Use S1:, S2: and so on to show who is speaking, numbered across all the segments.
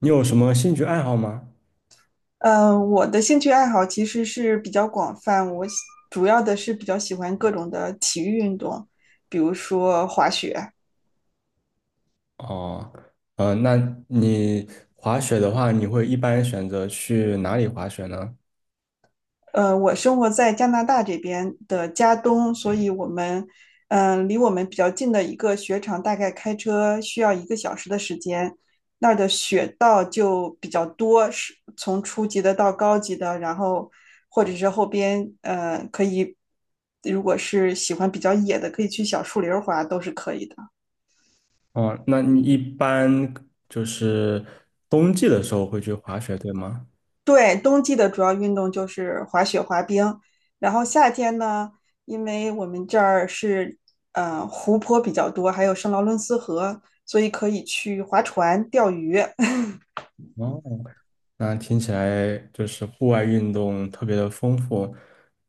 S1: 你有什么兴趣爱好吗？
S2: 嗯，我的兴趣爱好其实是比较广泛，主要的是比较喜欢各种的体育运动，比如说滑雪。
S1: 哦，那你滑雪的话，你会一般选择去哪里滑雪呢？
S2: 我生活在加拿大这边的加东，所以我们，离我们比较近的一个雪场，大概开车需要一个小时的时间。那儿的雪道就比较多，是从初级的到高级的，然后或者是后边，可以，如果是喜欢比较野的，可以去小树林儿滑，都是可以的。
S1: 哦，那你一般就是冬季的时候会去滑雪，对吗？
S2: 对，冬季的主要运动就是滑雪、滑冰，然后夏天呢，因为我们这儿是湖泊比较多，还有圣劳伦斯河，所以可以去划船、钓鱼、
S1: 哦，那听起来就是户外运动特别的丰富。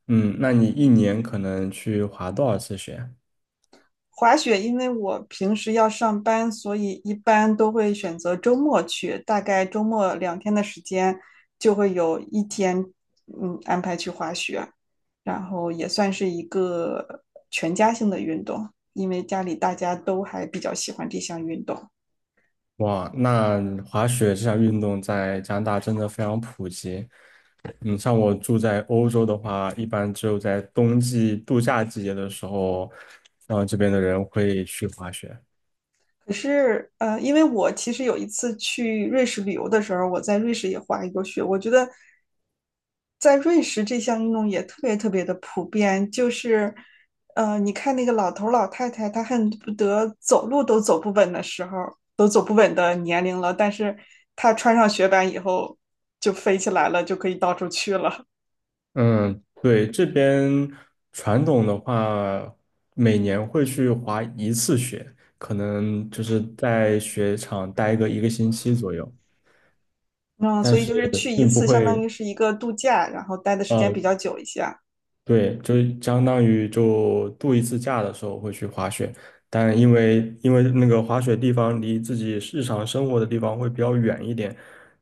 S1: 嗯，那你一年可能去滑多少次雪？
S2: 滑雪。因为我平时要上班，所以一般都会选择周末去，大概周末两天的时间就会有一天，安排去滑雪，然后也算是一个全家性的运动，因为家里大家都还比较喜欢这项运动。
S1: 哇，那滑雪这项运动在加拿大真的非常普及。嗯，像我住在欧洲的话，一般只有在冬季度假季节的时候，然后这边的人会去滑雪。
S2: 可是，因为我其实有一次去瑞士旅游的时候，我在瑞士也滑一过雪。我觉得在瑞士这项运动也特别特别的普遍，就是，你看那个老头儿老太太，他恨不得走路都走不稳的时候，都走不稳的年龄了，但是他穿上雪板以后就飞起来了，就可以到处去了。
S1: 嗯，对，这边传统的话，每年会去滑一次雪，可能就是在雪场待个一个星期左右，
S2: 嗯，
S1: 但
S2: 所以
S1: 是
S2: 就是去一
S1: 并不
S2: 次，相当
S1: 会。
S2: 于是一个度假，然后待的时间比
S1: 呃。
S2: 较久一些。
S1: 对，就相当于就度一次假的时候会去滑雪，但因为那个滑雪地方离自己日常生活的地方会比较远一点。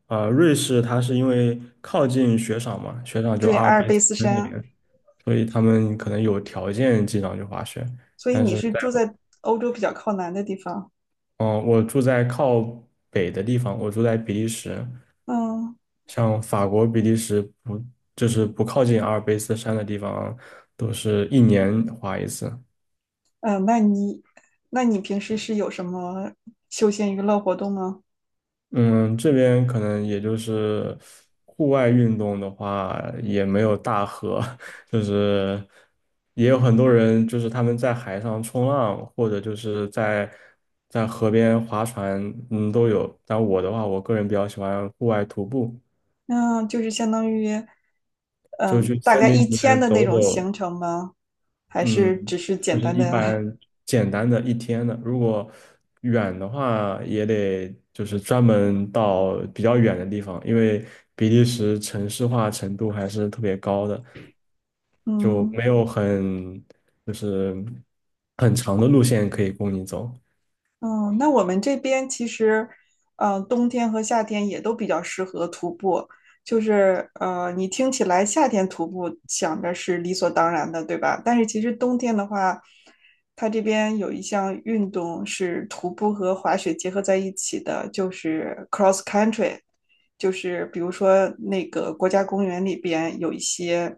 S1: 瑞士它是因为靠近雪场嘛，雪场就
S2: 对，
S1: 阿尔
S2: 阿尔
S1: 卑
S2: 卑
S1: 斯
S2: 斯
S1: 山那
S2: 山。
S1: 边，所以他们可能有条件经常去滑雪，
S2: 所以
S1: 但
S2: 你
S1: 是
S2: 是
S1: 在
S2: 住
S1: 我，
S2: 在欧洲比较靠南的地方。
S1: 嗯、我住在靠北的地方，我住在比利时，
S2: 嗯
S1: 像法国、比利时不就是不靠近阿尔卑斯山的地方，都是一年滑一次。
S2: 那你那你平时是有什么休闲娱乐活动吗？
S1: 嗯，这边可能也就是户外运动的话，也没有大河，就是也有很多人，就是他们在海上冲浪，或者就是在河边划船。嗯，都有。但我的话，我个人比较喜欢户外徒步，
S2: 那就是相当于大概一天的那
S1: 走
S2: 种
S1: 走。
S2: 行程吗？还
S1: 嗯，
S2: 是只是
S1: 就
S2: 简
S1: 是
S2: 单
S1: 一
S2: 的
S1: 般简单的一天的。如果远的话，也得就是专门到比较远的地方，因为比利时城市化程度还是特别高的，就
S2: 嗯
S1: 没有很就是很长的路线可以供你走。
S2: 嗯，那我们这边其实，嗯，冬天和夏天也都比较适合徒步。就是，你听起来夏天徒步想着是理所当然的，对吧？但是其实冬天的话，它这边有一项运动是徒步和滑雪结合在一起的，就是 cross country。就是比如说那个国家公园里边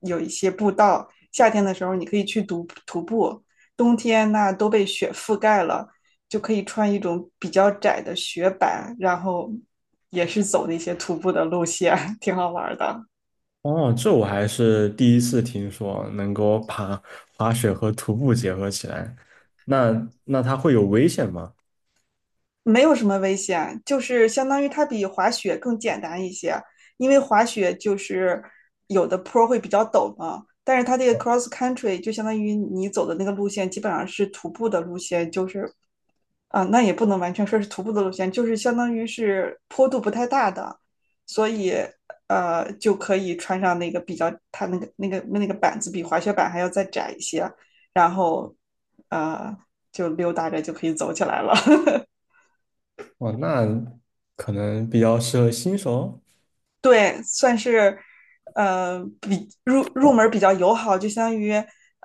S2: 有一些步道，夏天的时候你可以去徒步，冬天那都被雪覆盖了。就可以穿一种比较窄的雪板，然后也是走那些徒步的路线，挺好玩的。
S1: 哦，这我还是第一次听说能够把滑雪和徒步结合起来，那它会有危险吗？
S2: 没有什么危险，就是相当于它比滑雪更简单一些，因为滑雪就是有的坡会比较陡嘛，但是它这个 cross country 就相当于你走的那个路线基本上是徒步的路线，就是啊，那也不能完全说是徒步的路线，就是相当于是坡度不太大的，所以就可以穿上那个比较它那个板子比滑雪板还要再窄一些，然后呃就溜达着就可以走起来了。
S1: 哦，那可能比较适合新手。
S2: 对，算是比入门比较友好，就相当于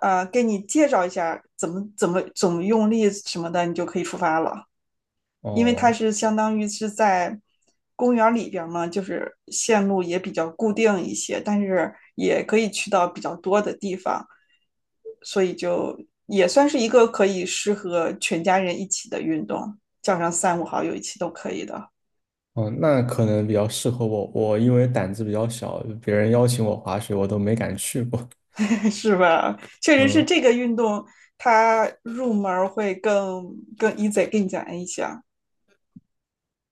S2: 给你介绍一下怎么用力什么的，你就可以出发了。因为它
S1: 哦
S2: 是相当于是在公园里边嘛，就是线路也比较固定一些，但是也可以去到比较多的地方，所以就也算是一个可以适合全家人一起的运动，叫上三五好友一起都可以的。
S1: 哦，那可能比较适合我。我因为胆子比较小，别人邀请我滑雪，我都没敢去过。
S2: 是吧？确实是
S1: 嗯
S2: 这个运动，它入门儿会更 easy 更简单一些啊。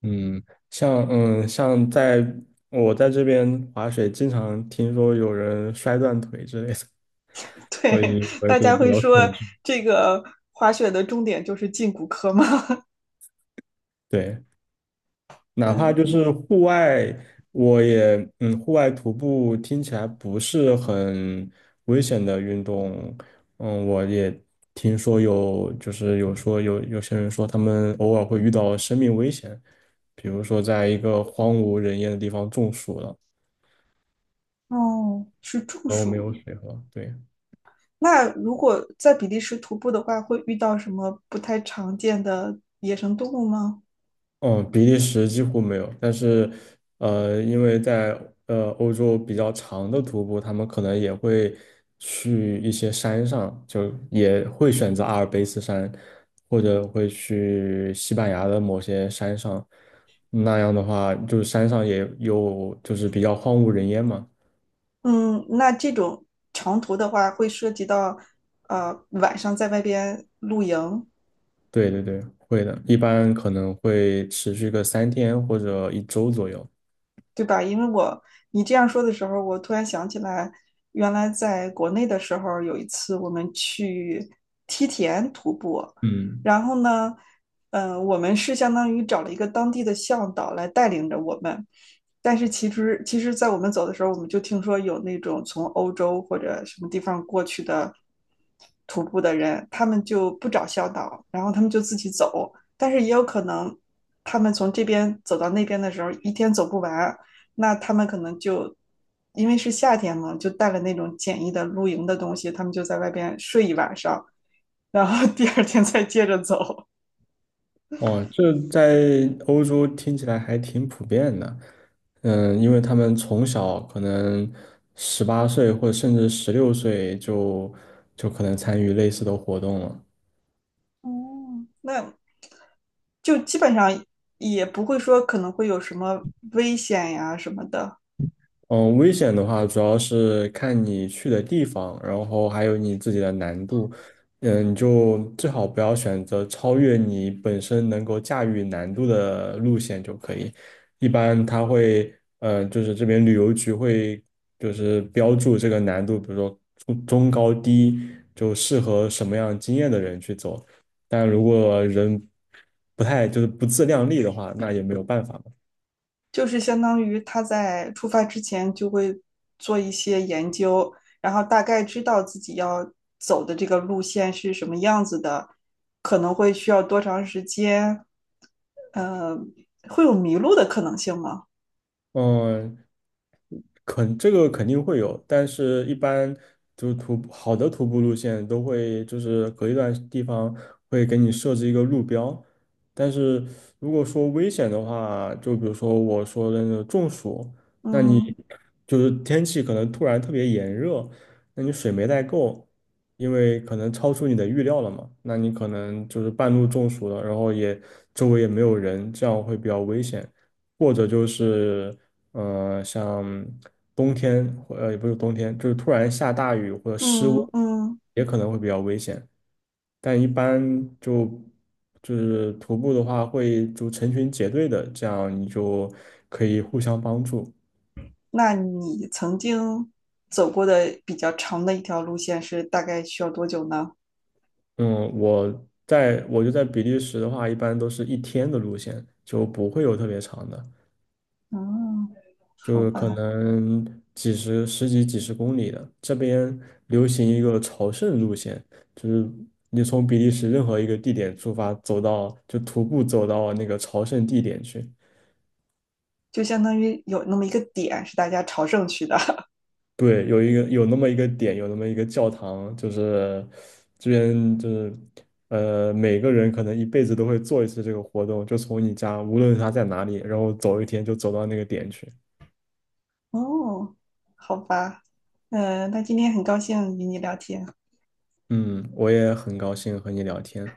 S1: 嗯，像在我在这边滑雪，经常听说有人摔断腿之类的，所
S2: 对，
S1: 以我
S2: 大
S1: 对
S2: 家
S1: 比
S2: 会
S1: 较
S2: 说
S1: 恐惧。
S2: 这个滑雪的重点就是进骨科吗？
S1: 对，哪怕
S2: 嗯，
S1: 就是户外，我也户外徒步听起来不是很危险的运动。我也听说有，就是有些人说他们偶尔会遇到生命危险，比如说在一个荒无人烟的地方中暑了，
S2: 哦，是中
S1: 然后没有
S2: 暑。
S1: 水喝，对。
S2: 那如果在比利时徒步的话，会遇到什么不太常见的野生动物吗？
S1: 嗯，比利时几乎没有，但是，因为在欧洲比较长的徒步，他们可能也会去一些山上，就也会选择阿尔卑斯山，或者会去西班牙的某些山上。那样的话，就是山上也有就是比较荒无人烟嘛。
S2: 嗯，那这种长途的话，会涉及到晚上在外边露营，
S1: 对对对，会的，一般可能会持续个3天或者一周左右。
S2: 对吧？因为我你这样说的时候，我突然想起来，原来在国内的时候，有一次我们去梯田徒步，
S1: 嗯。
S2: 然后呢，我们是相当于找了一个当地的向导来带领着我们，但是其实其实，在我们走的时候，我们就听说有那种从欧洲或者什么地方过去的徒步的人，他们就不找向导，然后他们就自己走。但是也有可能，他们从这边走到那边的时候，一天走不完，那他们可能就因为是夏天嘛，就带了那种简易的露营的东西，他们就在外边睡一晚上，然后 第二天再接着走。
S1: 哦，这在欧洲听起来还挺普遍的。嗯，因为他们从小可能18岁或者甚至16岁就可能参与类似的活动了。
S2: 哦，那就基本上也不会说可能会有什么危险呀什么的。
S1: 嗯，危险的话主要是看你去的地方，然后还有你自己的难度。嗯，你就最好不要选择超越你本身能够驾驭难度的路线就可以。一般它会，就是这边旅游局会就是标注这个难度，比如说中高低，就适合什么样经验的人去走。但如果人不太就是不自量力的话，那也没有办法嘛。
S2: 就是相当于他在出发之前就会做一些研究，然后大概知道自己要走的这个路线是什么样子的，可能会需要多长时间，呃，会有迷路的可能性吗？
S1: 嗯，肯这个肯定会有，但是一般就是徒步好的徒步路线都会就是隔一段地方会给你设置一个路标。但是如果说危险的话，就比如说我说的那个中暑，那你
S2: 嗯
S1: 就是天气可能突然特别炎热，那你水没带够，因为可能超出你的预料了嘛，那你可能就是半路中暑了，然后周围也没有人，这样会比较危险。或者就是像冬天，也不是冬天，就是突然下大雨或者失温，
S2: 嗯嗯，
S1: 也可能会比较危险。但一般就就是徒步的话，会就成群结队的，这样你就可以互相帮助。
S2: 那你曾经走过的比较长的一条路线是大概需要多久呢？
S1: 嗯，我就在比利时的话，一般都是一天的路线，就不会有特别长的。
S2: 嗯，好
S1: 就可
S2: 吧，
S1: 能几十、十几、几十公里的。这边流行一个朝圣路线，就是你从比利时任何一个地点出发，就徒步走到那个朝圣地点去。
S2: 就相当于有那么一个点是大家朝圣去的。
S1: 对，有那么一个点，有那么一个教堂，就是这边就是每个人可能一辈子都会做一次这个活动，就从你家，无论他在哪里，然后走一天就走到那个点去。
S2: 哦，好吧，那今天很高兴与你聊天。
S1: 嗯，我也很高兴和你聊天。